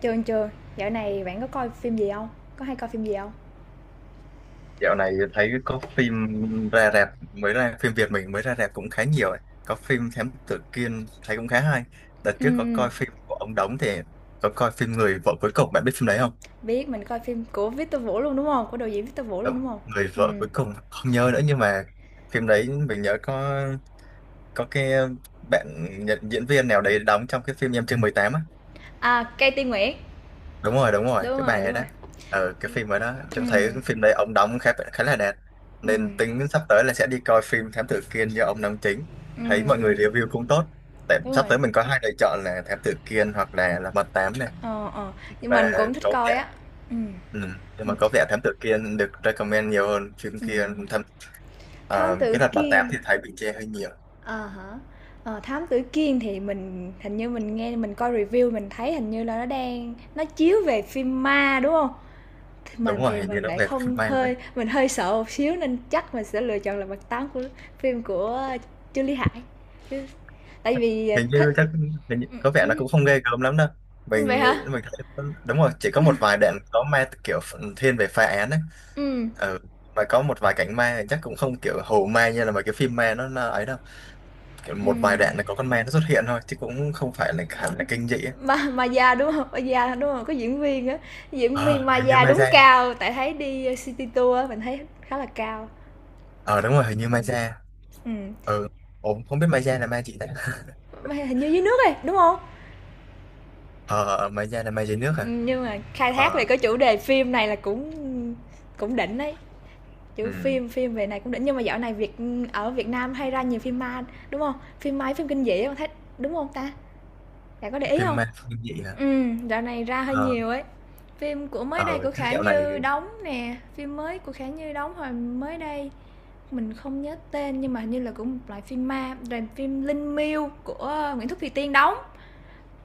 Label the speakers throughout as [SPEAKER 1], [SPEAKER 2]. [SPEAKER 1] Chưa chưa, dạo này bạn có coi phim gì không? Có hay coi phim gì không?
[SPEAKER 2] Dạo này thấy có phim ra rạp, mới ra phim Việt mình mới ra rạp cũng khá nhiều ấy. Có phim Thám Tử Kiên thấy cũng khá hay. Đợt trước có
[SPEAKER 1] Ừm,
[SPEAKER 2] coi phim của ông Đống thì có coi phim Người vợ cuối cùng, bạn biết phim đấy không?
[SPEAKER 1] biết mình coi phim của Victor Vũ luôn, đúng không? Của đạo diễn Victor Vũ luôn,
[SPEAKER 2] Ờ,
[SPEAKER 1] đúng không?
[SPEAKER 2] Người vợ
[SPEAKER 1] Ừm,
[SPEAKER 2] cuối cùng không nhớ nữa nhưng mà phim đấy mình nhớ có có bạn nhận diễn viên nào đấy đóng trong cái phim Em chưa 18 á.
[SPEAKER 1] Cây Tiên Nguyễn,
[SPEAKER 2] Đúng rồi, đúng rồi,
[SPEAKER 1] đúng
[SPEAKER 2] cái
[SPEAKER 1] rồi,
[SPEAKER 2] bài
[SPEAKER 1] đúng
[SPEAKER 2] đó.
[SPEAKER 1] rồi.
[SPEAKER 2] Ờ, cái phim ở đó, trông
[SPEAKER 1] Ừm,
[SPEAKER 2] thấy cái phim đấy ông đóng khá khá là đẹp, nên
[SPEAKER 1] ừm,
[SPEAKER 2] tính sắp tới là sẽ đi coi phim Thám Tử Kiên do ông đóng chính. Thấy
[SPEAKER 1] ừm,
[SPEAKER 2] mọi người
[SPEAKER 1] ừm,
[SPEAKER 2] review cũng tốt. Tại
[SPEAKER 1] đúng
[SPEAKER 2] sắp tới
[SPEAKER 1] rồi,
[SPEAKER 2] mình có hai lựa chọn là Thám Tử Kiên hoặc là Mật 8 này.
[SPEAKER 1] ờ, ờ, nhưng
[SPEAKER 2] Và
[SPEAKER 1] mình cũng thích
[SPEAKER 2] có
[SPEAKER 1] coi
[SPEAKER 2] vẻ,
[SPEAKER 1] á. Ừm,
[SPEAKER 2] ừ, nhưng mà
[SPEAKER 1] ừm,
[SPEAKER 2] có vẻ Thám Tử Kiên được recommend nhiều hơn phim kia.
[SPEAKER 1] ừm.
[SPEAKER 2] À,
[SPEAKER 1] Thám
[SPEAKER 2] cái
[SPEAKER 1] Tử
[SPEAKER 2] đợt Mật Tám
[SPEAKER 1] Kiên,
[SPEAKER 2] thì thấy bị chê hơi nhiều.
[SPEAKER 1] à hả. Ờ, Thám Tử Kiên thì mình hình như nghe mình coi review mình thấy hình như là nó đang chiếu về phim ma, đúng không? Thì
[SPEAKER 2] Đúng
[SPEAKER 1] mình
[SPEAKER 2] rồi,
[SPEAKER 1] thì
[SPEAKER 2] hình như
[SPEAKER 1] mình
[SPEAKER 2] nó
[SPEAKER 1] lại
[SPEAKER 2] về phim
[SPEAKER 1] không,
[SPEAKER 2] may
[SPEAKER 1] hơi mình hơi sợ một xíu nên chắc mình sẽ lựa chọn là Mặt Tám, của phim của Trương Lý Hải. Chứ tại vì,
[SPEAKER 2] hình
[SPEAKER 1] thích.
[SPEAKER 2] như chắc Hình như
[SPEAKER 1] ừm,
[SPEAKER 2] có vẻ là
[SPEAKER 1] ừm,
[SPEAKER 2] cũng không ghê gớm lắm đâu,
[SPEAKER 1] vậy
[SPEAKER 2] mình nghĩ.
[SPEAKER 1] hả?
[SPEAKER 2] Mình thấy, đúng rồi, chỉ có một vài đoạn có ma, kiểu thiên về phá án đấy.
[SPEAKER 1] Ừm,
[SPEAKER 2] Ừ, mà có một vài cảnh ma thì chắc cũng không kiểu hù ma như là mấy cái phim ma nó ấy đâu. Kiểu một vài
[SPEAKER 1] ừm,
[SPEAKER 2] đoạn là có con ma nó xuất hiện thôi chứ cũng không phải là hẳn là kinh dị ấy.
[SPEAKER 1] Ma Maya, đúng hông? Maya, đúng không, có diễn viên á, diễn viên
[SPEAKER 2] Ờ, hình như
[SPEAKER 1] Maya
[SPEAKER 2] ma
[SPEAKER 1] đúng
[SPEAKER 2] da.
[SPEAKER 1] cao, tại thấy đi city tour á, mình thấy khá là cao.
[SPEAKER 2] Ờ đúng rồi, hình như ma da.
[SPEAKER 1] Ừm,
[SPEAKER 2] Ừ. Ủa, không biết ma da là ma gì đấy
[SPEAKER 1] mà hình như dưới nước ấy, đúng không?
[SPEAKER 2] ờ, ma da là ma dưới nước à.
[SPEAKER 1] Nhưng mà khai thác về
[SPEAKER 2] Ờ.
[SPEAKER 1] cái chủ đề phim này là cũng cũng đỉnh đấy. Chứ
[SPEAKER 2] ừ.
[SPEAKER 1] phim phim về này cũng đỉnh nhưng mà dạo này Việt, ở Việt Nam hay ra nhiều phim ma, đúng không? Phim ma phim kinh dị á, thấy đúng không ta? Bạn có để ý
[SPEAKER 2] Phim
[SPEAKER 1] không?
[SPEAKER 2] ma kinh dị hả?
[SPEAKER 1] Dạo này ra hơi
[SPEAKER 2] Ờ.
[SPEAKER 1] nhiều ấy. Phim của mới đây
[SPEAKER 2] Ờ,
[SPEAKER 1] của
[SPEAKER 2] chắc
[SPEAKER 1] Khả
[SPEAKER 2] dạo này.
[SPEAKER 1] Như đóng nè, phim mới của Khả Như đóng hồi mới đây, mình không nhớ tên nhưng mà hình như là cũng một loại phim ma, rồi phim Linh Miêu của Nguyễn Thúc Thùy Tiên đóng,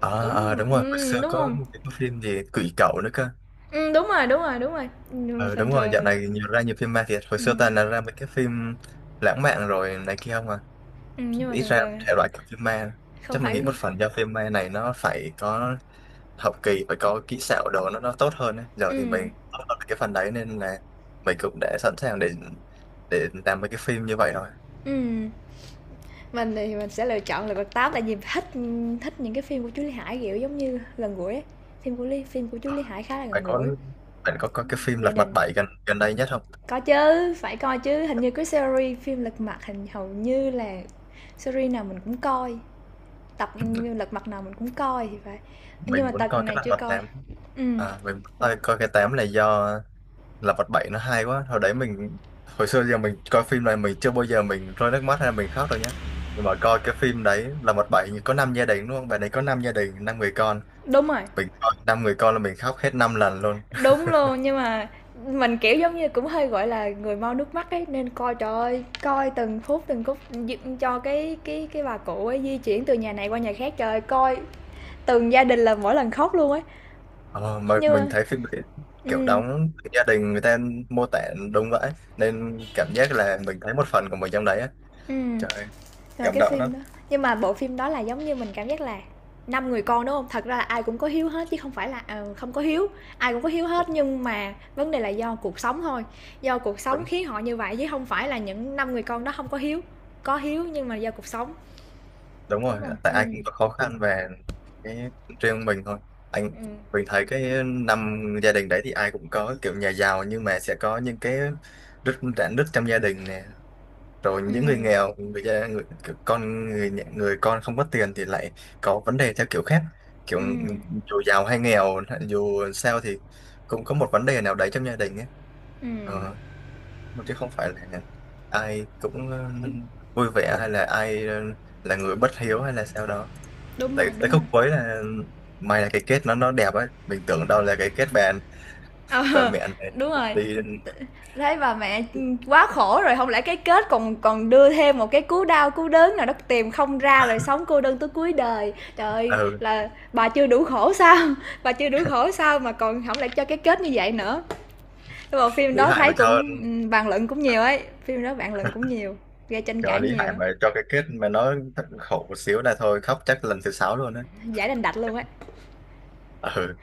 [SPEAKER 2] À,
[SPEAKER 1] cũng,
[SPEAKER 2] à đúng rồi, hồi xưa
[SPEAKER 1] đúng
[SPEAKER 2] có
[SPEAKER 1] không?
[SPEAKER 2] một cái phim gì Quỷ Cẩu nữa cơ.
[SPEAKER 1] Đúng rồi, đúng rồi, đúng rồi, nhưng mà
[SPEAKER 2] Ờ
[SPEAKER 1] thường
[SPEAKER 2] đúng rồi,
[SPEAKER 1] thường
[SPEAKER 2] dạo
[SPEAKER 1] à.
[SPEAKER 2] này nhiều, ra nhiều phim ma thiệt. Hồi xưa
[SPEAKER 1] Ừm,
[SPEAKER 2] toàn là ra mấy cái phim lãng mạn rồi này kia không à.
[SPEAKER 1] nhưng mà
[SPEAKER 2] Ít
[SPEAKER 1] thường
[SPEAKER 2] ra
[SPEAKER 1] thường à,
[SPEAKER 2] thể loại của phim ma.
[SPEAKER 1] không
[SPEAKER 2] Chắc mình
[SPEAKER 1] phải
[SPEAKER 2] nghĩ
[SPEAKER 1] gu.
[SPEAKER 2] một phần do phim ma này nó phải có học kỳ, phải có kỹ xảo đồ nó tốt hơn ấy. Giờ thì
[SPEAKER 1] ừm,
[SPEAKER 2] mình tốt hơn cái phần đấy nên là mình cũng đã sẵn sàng để làm mấy cái phim như vậy rồi.
[SPEAKER 1] Mình thì mình sẽ lựa chọn Lật Mặt Tám tại vì thích, thích những cái phim của chú Lý Hải, kiểu, giống như gần gũi ấy. Phim của Lý phim của chú
[SPEAKER 2] Ờ,
[SPEAKER 1] Lý Hải khá là
[SPEAKER 2] phải
[SPEAKER 1] gần
[SPEAKER 2] có,
[SPEAKER 1] gũi,
[SPEAKER 2] bạn có cái phim
[SPEAKER 1] gia
[SPEAKER 2] Lật Mặt
[SPEAKER 1] đình.
[SPEAKER 2] 7 gần gần đây nhất không?
[SPEAKER 1] Có chứ, phải coi chứ, hình như cái series phim Lật Mặt hình hầu như là series nào mình cũng coi, tập Lật Mặt nào mình cũng coi thì phải. Nhưng
[SPEAKER 2] Mình
[SPEAKER 1] mà
[SPEAKER 2] muốn
[SPEAKER 1] tập
[SPEAKER 2] coi cái
[SPEAKER 1] này
[SPEAKER 2] Lật
[SPEAKER 1] chưa
[SPEAKER 2] Mặt
[SPEAKER 1] coi.
[SPEAKER 2] 8.
[SPEAKER 1] Ừm.
[SPEAKER 2] À, mình thôi coi cái 8 này do là vật bảy nó hay quá hồi đấy. Mình hồi xưa giờ mình coi phim này mình chưa bao giờ mình rơi nước mắt hay là mình khóc đâu nhá, nhưng mà coi cái phim đấy là vật 7 có năm gia đình luôn, bạn ấy có năm gia đình năm người con,
[SPEAKER 1] Đúng rồi.
[SPEAKER 2] mình coi năm người con là mình khóc hết năm lần luôn.
[SPEAKER 1] Đúng luôn, nhưng mà mình, kiểu, giống như, cũng hơi, gọi là, người mau nước mắt ấy, nên coi, trời ơi, coi từng phút d cho cái bà cụ ấy di chuyển từ nhà này qua nhà khác. Trời ơi, coi từng gia đình là mỗi lần khóc luôn ấy,
[SPEAKER 2] Ờ, mà
[SPEAKER 1] nhưng
[SPEAKER 2] mình
[SPEAKER 1] mà
[SPEAKER 2] thấy phim đấy kiểu
[SPEAKER 1] ừm,
[SPEAKER 2] đóng gia đình người ta mô tả đúng vậy, nên cảm giác là mình thấy một phần của mình trong đấy á.
[SPEAKER 1] ừm.
[SPEAKER 2] Trời ơi,
[SPEAKER 1] Rồi
[SPEAKER 2] cảm
[SPEAKER 1] cái
[SPEAKER 2] động lắm.
[SPEAKER 1] phim đó nhưng mà bộ phim đó là giống như mình cảm giác là năm người con đúng không? Thật ra là ai cũng có hiếu hết chứ không phải là, ờ, không có hiếu, ai cũng có hiếu hết nhưng mà vấn đề là do cuộc sống thôi, do cuộc sống
[SPEAKER 2] Đúng.
[SPEAKER 1] khiến họ như vậy chứ không phải là những năm người con đó không có hiếu, có hiếu nhưng mà do cuộc sống.
[SPEAKER 2] Đúng rồi,
[SPEAKER 1] Đúng rồi,
[SPEAKER 2] tại ai cũng có khó khăn và cái riêng mình thôi, anh.
[SPEAKER 1] ừ
[SPEAKER 2] Mình thấy cái năm gia đình đấy thì ai cũng có kiểu nhà giàu nhưng mà sẽ có những cái rạn nứt trong gia đình nè, rồi
[SPEAKER 1] ừ
[SPEAKER 2] những người nghèo, người, gia- người kiểu con người nhà- người con không có tiền thì lại có vấn đề theo kiểu khác. Kiểu
[SPEAKER 1] ừ.
[SPEAKER 2] dù giàu hay nghèo, dù sao thì cũng có một vấn đề nào đấy trong gia đình ấy.
[SPEAKER 1] ừm,
[SPEAKER 2] Ờ, chứ không phải là ai cũng, ừ, vui vẻ hay là ai, ừ, là người bất hiếu hay là sao đó.
[SPEAKER 1] đúng rồi,
[SPEAKER 2] Tại tại
[SPEAKER 1] đúng
[SPEAKER 2] khúc
[SPEAKER 1] rồi.
[SPEAKER 2] cuối là, may là cái kết nó đẹp ấy, mình tưởng đâu là cái kết bèn và
[SPEAKER 1] Ờ,
[SPEAKER 2] mẹ này
[SPEAKER 1] đúng rồi.
[SPEAKER 2] đi.
[SPEAKER 1] Thấy bà mẹ, quá khổ rồi, không lẽ cái kết còn còn đưa thêm một cái cú đau cú đớn nào đó tìm không ra rồi sống cô đơn tới cuối đời. Trời ơi,
[SPEAKER 2] Ừ,
[SPEAKER 1] là bà chưa đủ khổ sao? Bà chưa đủ khổ sao mà còn không lại cho cái kết như vậy nữa. Nhưng mà phim
[SPEAKER 2] Lý
[SPEAKER 1] đó
[SPEAKER 2] Hải
[SPEAKER 1] thấy
[SPEAKER 2] mà cho
[SPEAKER 1] cũng, bàn luận cũng nhiều ấy, phim đó bàn luận cũng nhiều, gây tranh
[SPEAKER 2] cho
[SPEAKER 1] cãi
[SPEAKER 2] Lý
[SPEAKER 1] nhiều
[SPEAKER 2] Hải
[SPEAKER 1] á,
[SPEAKER 2] mà cho cái kết mà nó thật khổ một xíu là thôi khóc chắc lần thứ 6 luôn đấy.
[SPEAKER 1] giải đành đạch luôn ấy.
[SPEAKER 2] Ừ.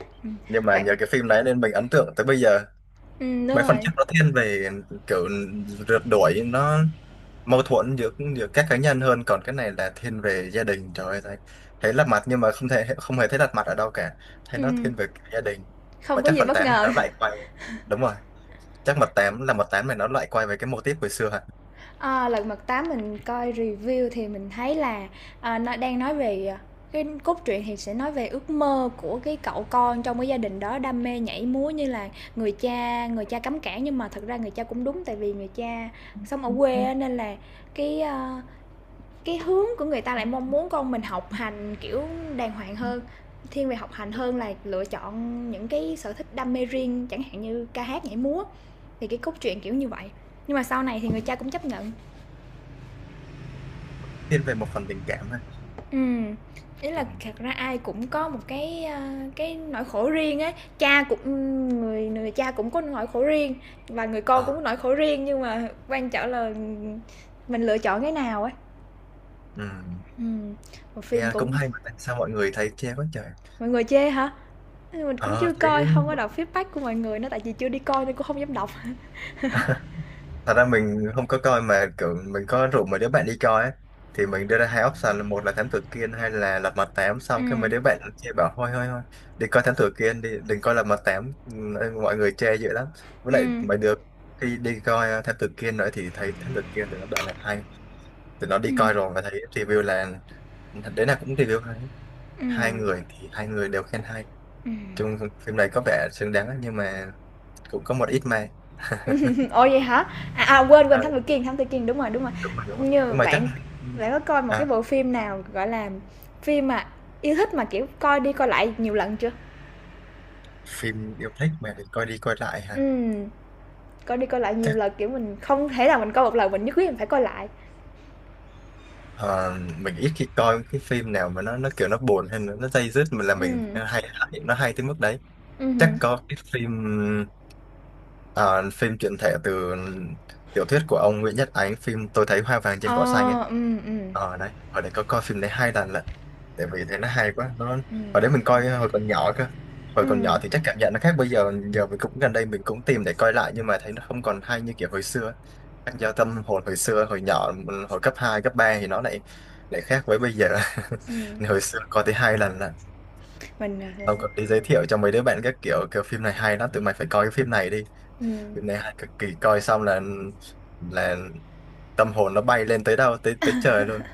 [SPEAKER 2] Nhưng mà
[SPEAKER 1] Vậy,
[SPEAKER 2] nhờ cái phim đấy nên mình ấn tượng tới bây giờ.
[SPEAKER 1] đúng
[SPEAKER 2] Mấy phần
[SPEAKER 1] rồi,
[SPEAKER 2] trước nó thiên về kiểu rượt đuổi, nó mâu thuẫn giữa giữa các cá nhân hơn, còn cái này là thiên về gia đình. Trời ơi, thấy, thấy lật mặt nhưng mà không thể, không hề thấy lật mặt ở đâu cả, thấy nó
[SPEAKER 1] ừm,
[SPEAKER 2] thiên về gia đình. Mà
[SPEAKER 1] không có
[SPEAKER 2] chắc
[SPEAKER 1] gì
[SPEAKER 2] phần
[SPEAKER 1] bất
[SPEAKER 2] 8 nó
[SPEAKER 1] ngờ.
[SPEAKER 2] lại quay, đúng rồi, chắc mật 8, là mật tám này nó lại quay về cái mô típ hồi xưa hả.
[SPEAKER 1] Ờ, Lật Mặt 8 mình coi review thì mình thấy là, nó đang nói về, cái cốt truyện thì sẽ nói về ước mơ của cái cậu con trong cái gia đình đó đam mê nhảy múa như là người cha, người cha cấm cản nhưng mà thật ra người cha cũng đúng tại vì người cha sống ở quê nên là cái, cái hướng của người ta lại mong muốn con mình học hành kiểu đàng hoàng hơn, thiên về học hành hơn là lựa chọn những cái sở thích đam mê riêng chẳng hạn như ca hát nhảy múa thì cái cốt truyện kiểu như vậy, nhưng mà sau này thì người cha cũng chấp nhận.
[SPEAKER 2] Thiên về một phần tình cảm ha.
[SPEAKER 1] Ừm, ý
[SPEAKER 2] Ừ.
[SPEAKER 1] là thật ra ai cũng có một cái, cái nỗi khổ riêng ấy. Cha cũng, người người cha cũng có nỗi khổ riêng và người con cũng
[SPEAKER 2] Ờ,
[SPEAKER 1] có nỗi khổ riêng, nhưng mà quan trọng là, mình lựa chọn cái nào ấy.
[SPEAKER 2] ừ.
[SPEAKER 1] Ừm, bộ phim
[SPEAKER 2] Nghe cũng
[SPEAKER 1] cũng,
[SPEAKER 2] hay mà tại sao mọi người thấy chê quá trời?
[SPEAKER 1] mọi người chê hả? Mình cũng
[SPEAKER 2] Ờ
[SPEAKER 1] chưa
[SPEAKER 2] thấy,
[SPEAKER 1] coi, không có đọc feedback của mọi người nữa, tại vì chưa đi coi nên cũng không dám đọc.
[SPEAKER 2] thật ra mình không có coi mà kiểu mình có rủ mấy đứa bạn đi coi ấy. Thì mình đưa ra hai option là một là thám tử Kiên hay là lật mặt 8, xong cái mấy
[SPEAKER 1] Ừm,
[SPEAKER 2] đứa bạn chê bảo thôi thôi thôi đi coi thám tử Kiên đi, đừng coi lật mặt tám. Ừ, mọi người chê dữ lắm. Với lại
[SPEAKER 1] ừm,
[SPEAKER 2] mấy đứa khi đi coi ờ, thám tử Kiên nữa thì thấy thám tử Kiên thì nó bảo là hay. Thì nó đi
[SPEAKER 1] ừm,
[SPEAKER 2] coi rồi và thấy review là thật đấy là cũng review hay, hai
[SPEAKER 1] ừm,
[SPEAKER 2] người thì hai người đều khen hay.
[SPEAKER 1] ừm.
[SPEAKER 2] Chung phim này có vẻ xứng đáng nhưng mà cũng có một ít mà.
[SPEAKER 1] Ồ vậy hả? À, à quên quên
[SPEAKER 2] À,
[SPEAKER 1] Thám Tử Kiên, Thám Tử Kiên đúng rồi, đúng rồi.
[SPEAKER 2] đúng rồi
[SPEAKER 1] Như
[SPEAKER 2] nhưng mà chắc
[SPEAKER 1] bạn
[SPEAKER 2] là- ừ.
[SPEAKER 1] bạn có coi một cái
[SPEAKER 2] À,
[SPEAKER 1] bộ phim nào gọi là phim mà yêu thích mà kiểu coi đi coi lại nhiều lần chưa?
[SPEAKER 2] phim yêu thích mà thì coi đi coi lại hả?
[SPEAKER 1] Ừm, coi đi coi lại nhiều
[SPEAKER 2] Chắc,
[SPEAKER 1] lần kiểu mình không thể nào mình coi một lần mình nhất quyết mình phải coi lại.
[SPEAKER 2] ờ, mình ít khi coi cái phim nào mà nó kiểu nó buồn hay là nó day dứt mình là mình
[SPEAKER 1] Ừm,
[SPEAKER 2] hay, hay nó hay tới mức đấy. Chắc
[SPEAKER 1] ừm
[SPEAKER 2] có cái phim, ờ, phim truyện thể từ tiểu thuyết của ông Nguyễn Nhất Ánh, phim Tôi thấy hoa vàng trên cỏ xanh
[SPEAKER 1] Ờ,
[SPEAKER 2] ấy.
[SPEAKER 1] ừm, ừm,
[SPEAKER 2] Ờ đấy, ở đấy có coi phim đấy hai lần lận, tại vì thấy nó hay quá.
[SPEAKER 1] ừm,
[SPEAKER 2] Ở đấy mình coi hồi còn nhỏ cơ. Hồi còn
[SPEAKER 1] ừm,
[SPEAKER 2] nhỏ thì chắc cảm nhận nó khác bây giờ. Giờ mình cũng gần đây mình cũng tìm để coi lại nhưng mà thấy nó không còn hay như kiểu hồi xưa ấy. Các Giao tâm hồi hồi xưa, hồi nhỏ, hồi cấp 2 cấp 3 thì nó lại lại khác với bây giờ
[SPEAKER 1] ừm,
[SPEAKER 2] hồi xưa coi tới hai lần là
[SPEAKER 1] mình,
[SPEAKER 2] ông
[SPEAKER 1] mình,
[SPEAKER 2] còn đi giới thiệu cho mấy đứa bạn các kiểu, kiểu phim này hay lắm tụi mày phải coi cái phim này đi,
[SPEAKER 1] ừm,
[SPEAKER 2] phim này hay cực kỳ, coi xong là là tâm hồn nó bay lên tới đâu, tới tới trời luôn.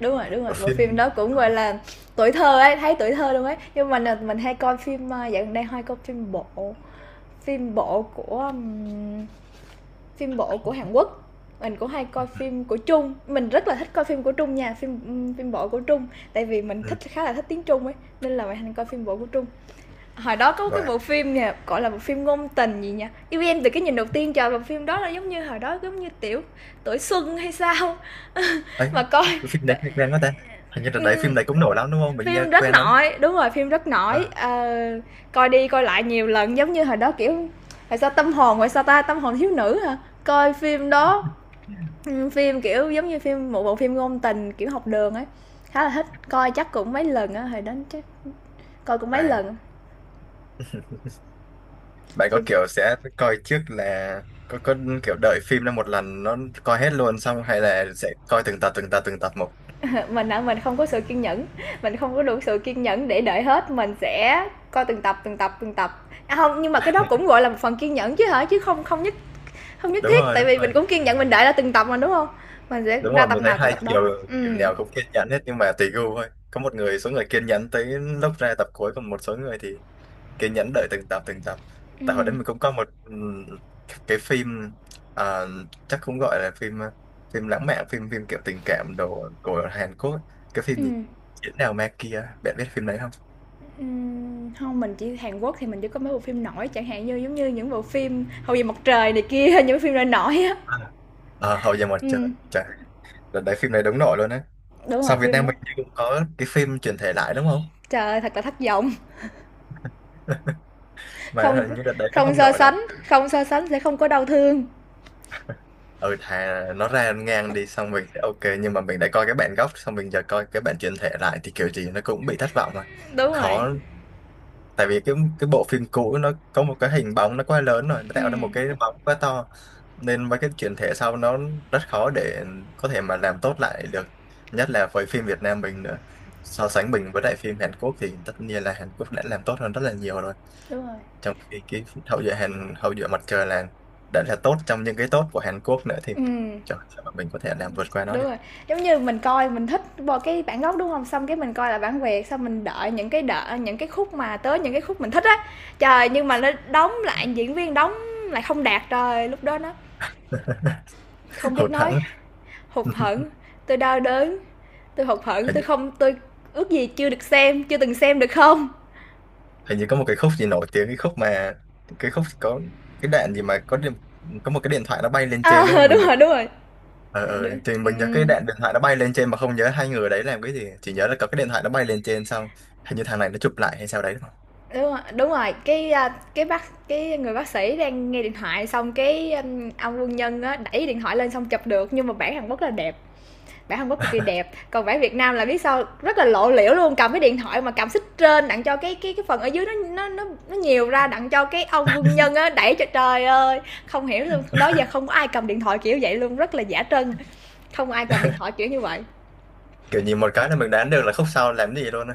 [SPEAKER 1] đúng rồi,
[SPEAKER 2] Ở
[SPEAKER 1] bộ phim
[SPEAKER 2] phim,
[SPEAKER 1] đó cũng,
[SPEAKER 2] à,
[SPEAKER 1] gọi là, tuổi thơ ấy, thấy tuổi thơ luôn ấy, nhưng mà mình, mình hay coi phim, dạo gần đây hay coi phim bộ. Phim bộ của ừm, phim bộ của Hàn Quốc, mình cũng hay coi phim của Trung. Mình rất là thích coi phim của Trung nha, phim phim bộ của Trung, tại vì mình
[SPEAKER 2] ừ,
[SPEAKER 1] thích, khá là thích tiếng Trung ấy, nên là mình hay coi phim bộ của Trung. Hồi đó có
[SPEAKER 2] rồi
[SPEAKER 1] cái bộ phim nè, gọi là bộ phim ngôn tình gì nha. Yêu em từ cái nhìn đầu tiên, trời, bộ phim đó là giống như hồi đó giống như tiểu, tuổi xuân hay sao
[SPEAKER 2] ấy,
[SPEAKER 1] mà coi,
[SPEAKER 2] cái phim đấy
[SPEAKER 1] coi
[SPEAKER 2] nghe quen quá ta. Hình như là đấy,
[SPEAKER 1] ừm,
[SPEAKER 2] phim đấy cũng nổi lắm đúng không, mình nghe
[SPEAKER 1] phim rất
[SPEAKER 2] quen lắm.
[SPEAKER 1] nổi đúng rồi phim rất
[SPEAKER 2] Ờ,
[SPEAKER 1] nổi, ờ, coi đi coi lại nhiều lần giống như hồi đó kiểu, tại sao ta tâm hồn thiếu nữ hả, coi phim đó, ừ, phim kiểu giống như phim một bộ phim ngôn tình kiểu học đường ấy, khá là thích coi chắc cũng mấy lần á hồi đó chắc coi cũng mấy
[SPEAKER 2] rồi.
[SPEAKER 1] lần
[SPEAKER 2] Bạn có
[SPEAKER 1] thì.
[SPEAKER 2] kiểu sẽ coi trước là có kiểu đợi phim ra một lần nó coi hết luôn xong, hay là sẽ coi từng tập một.
[SPEAKER 1] Mình á mình không có sự kiên nhẫn, mình không có đủ sự kiên nhẫn để đợi hết mình sẽ coi từng tập, không nhưng mà cái đó cũng gọi là một phần kiên nhẫn chứ hả chứ không, không nhất
[SPEAKER 2] Đúng
[SPEAKER 1] thiết,
[SPEAKER 2] rồi,
[SPEAKER 1] tại
[SPEAKER 2] đúng
[SPEAKER 1] vì
[SPEAKER 2] rồi.
[SPEAKER 1] mình cũng kiên nhẫn mình đợi ra từng tập mà, đúng không? Mình sẽ
[SPEAKER 2] Đúng
[SPEAKER 1] ra
[SPEAKER 2] rồi,
[SPEAKER 1] tập
[SPEAKER 2] mình thấy
[SPEAKER 1] nào coi
[SPEAKER 2] hai
[SPEAKER 1] tập đó.
[SPEAKER 2] chiều kiểu
[SPEAKER 1] Ừm.
[SPEAKER 2] nào cũng kiên nhẫn hết nhưng mà tùy gu thôi. Có một người, số người kiên nhẫn tới lúc ra tập cuối, còn một số người thì kiên nhẫn đợi từng tập. Tại hồi đấy
[SPEAKER 1] Ừm,
[SPEAKER 2] mình cũng có một, cái phim, à, chắc cũng gọi là phim, ờ, phim lãng mạn, phim phim kiểu tình cảm đồ của Hàn Quốc. Cái phim gì?
[SPEAKER 1] ừm,
[SPEAKER 2] Chiến nào ma kia, bạn biết phim đấy không?
[SPEAKER 1] không, mình chỉ Hàn Quốc thì mình chỉ có mấy bộ phim nổi, chẳng hạn như giống như những bộ phim Hậu Duệ Mặt Trời này kia, những cái phim nổi nổi á.
[SPEAKER 2] À, Hậu Duệ Mặt Trời,
[SPEAKER 1] Ừm,
[SPEAKER 2] trời, đợt đấy phim này đúng nổi luôn á.
[SPEAKER 1] đúng rồi,
[SPEAKER 2] Sau Việt
[SPEAKER 1] phim
[SPEAKER 2] Nam
[SPEAKER 1] đó.
[SPEAKER 2] mình như cũng có cái phim chuyển thể lại đúng không.
[SPEAKER 1] Trời ơi, thật là thất vọng,
[SPEAKER 2] Mà
[SPEAKER 1] không.
[SPEAKER 2] hình như đợt đấy nó
[SPEAKER 1] Không
[SPEAKER 2] không
[SPEAKER 1] so
[SPEAKER 2] nổi lắm.
[SPEAKER 1] sánh,
[SPEAKER 2] Ừ.
[SPEAKER 1] không so sánh sẽ không có đau thương.
[SPEAKER 2] Ừ, thà nó ra ngang đi xong mình sẽ ok, nhưng mà mình đã coi cái bản gốc xong mình giờ coi cái bản chuyển thể lại thì kiểu gì nó cũng bị thất vọng mà.
[SPEAKER 1] Đúng rồi.
[SPEAKER 2] Khó, tại vì cái bộ phim cũ nó có một cái hình bóng nó quá lớn rồi, nó tạo ra một
[SPEAKER 1] Ừm,
[SPEAKER 2] cái bóng quá to nên mấy cái chuyển thể sau nó rất khó để có thể mà làm tốt lại được, nhất là với phim Việt Nam mình nữa. So sánh mình với lại phim Hàn Quốc thì tất nhiên là Hàn Quốc đã làm tốt hơn rất là nhiều rồi,
[SPEAKER 1] đúng rồi.
[SPEAKER 2] trong khi cái hậu duệ Hàn, hậu duệ mặt trời là đã là tốt trong những cái tốt của Hàn Quốc nữa, thì
[SPEAKER 1] Ừm.
[SPEAKER 2] trời, sao mà mình có thể làm vượt qua nó
[SPEAKER 1] Đúng
[SPEAKER 2] được.
[SPEAKER 1] rồi, giống như mình coi mình thích bo cái bản gốc, đúng không? Xong cái mình coi là bản Việt, xong mình đợi những cái, đợi những cái khúc mà tới những cái khúc mình thích á. Trời, nhưng mà nó đóng lại diễn viên đóng lại không đạt, trời, lúc đó nó không biết
[SPEAKER 2] Hụt
[SPEAKER 1] nói,
[SPEAKER 2] hẫng.
[SPEAKER 1] hụt hẫng, tôi đau đớn, tôi hụt hẫng,
[SPEAKER 2] Hình,
[SPEAKER 1] tôi không tôi ước gì chưa được xem, chưa từng xem được không?
[SPEAKER 2] hình như có một cái khúc gì nổi tiếng, cái khúc mà, cái khúc có cái đạn gì mà có điện, có một cái điện thoại nó bay lên trên đúng
[SPEAKER 1] Ờ,
[SPEAKER 2] không,
[SPEAKER 1] đúng
[SPEAKER 2] mình nhớ-
[SPEAKER 1] rồi, đúng rồi,
[SPEAKER 2] ờ
[SPEAKER 1] đ
[SPEAKER 2] ờ thì mình nhớ cái
[SPEAKER 1] ừm,
[SPEAKER 2] đạn điện thoại nó bay lên trên mà không nhớ hai người đấy làm cái gì, chỉ nhớ là có cái điện thoại nó bay lên trên xong hình như thằng này nó chụp lại hay sao đấy đúng không?
[SPEAKER 1] đúng rồi, đúng rồi, cái, cái bác cái người bác sĩ đang nghe điện thoại xong cái, ông quân nhân á, đẩy điện thoại lên xong chụp được, nhưng mà bản Hàn Quốc là đẹp. Bản Hàn Quốc cực kỳ đẹp còn bản Việt Nam là biết sao rất là lộ liễu luôn, cầm cái điện thoại mà cầm xích trên đặng cho cái phần ở dưới nó nhiều ra đặng cho cái ông quân nhân á đẩy cho trời ơi, không hiểu luôn đó giờ không có ai cầm điện thoại kiểu vậy luôn rất là giả trân, không ai cầm điện thoại kiểu như vậy.
[SPEAKER 2] Kiểu nhìn một cái là mình đoán được là khúc sau làm gì luôn á.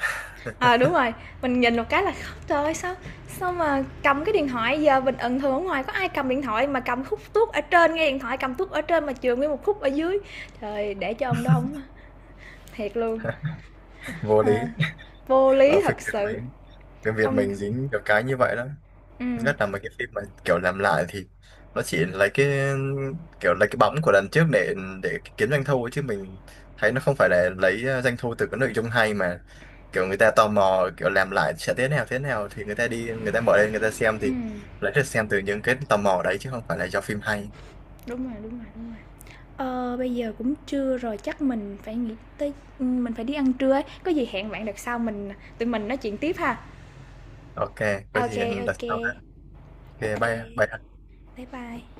[SPEAKER 1] À đúng rồi, mình nhìn một cái là trời ơi, sao sao mà cầm cái điện thoại giờ mình ẩn thường ở ngoài có ai cầm điện thoại mà cầm khúc tuốt ở trên nghe điện thoại cầm tuốt ở trên mà trường nguyên một khúc ở dưới, trời để cho ông đó ông thiệt luôn.
[SPEAKER 2] Vô
[SPEAKER 1] à,
[SPEAKER 2] lý.
[SPEAKER 1] Vô
[SPEAKER 2] Ở
[SPEAKER 1] lý
[SPEAKER 2] phim
[SPEAKER 1] thật
[SPEAKER 2] Việt
[SPEAKER 1] sự,
[SPEAKER 2] mình Phim Việt
[SPEAKER 1] không.
[SPEAKER 2] mình dính được cái như vậy đó.
[SPEAKER 1] Ừm,
[SPEAKER 2] Nhất là mấy cái phim mà kiểu làm lại thì nó chỉ lấy cái, kiểu lấy cái bóng của lần trước để kiếm doanh thu ấy, chứ mình thấy nó không phải là lấy doanh thu từ cái nội dung hay mà kiểu người ta tò mò kiểu làm lại sẽ thế nào thì người ta đi, người ta mở lên, người ta xem, thì
[SPEAKER 1] ừm,
[SPEAKER 2] lấy được xem từ những cái tò mò đấy chứ không phải là do phim hay.
[SPEAKER 1] đúng rồi, đúng rồi, đúng rồi. Ờ, bây giờ cũng trưa rồi, chắc mình phải nghĩ tới, ừ, mình phải đi ăn trưa ấy, có gì hẹn bạn đợt sau mình, tụi mình nói chuyện tiếp ha.
[SPEAKER 2] Ok, có gì
[SPEAKER 1] OK,
[SPEAKER 2] đặt sau ha.
[SPEAKER 1] OK,
[SPEAKER 2] Ok,
[SPEAKER 1] OK,
[SPEAKER 2] bye bye.
[SPEAKER 1] bye bye.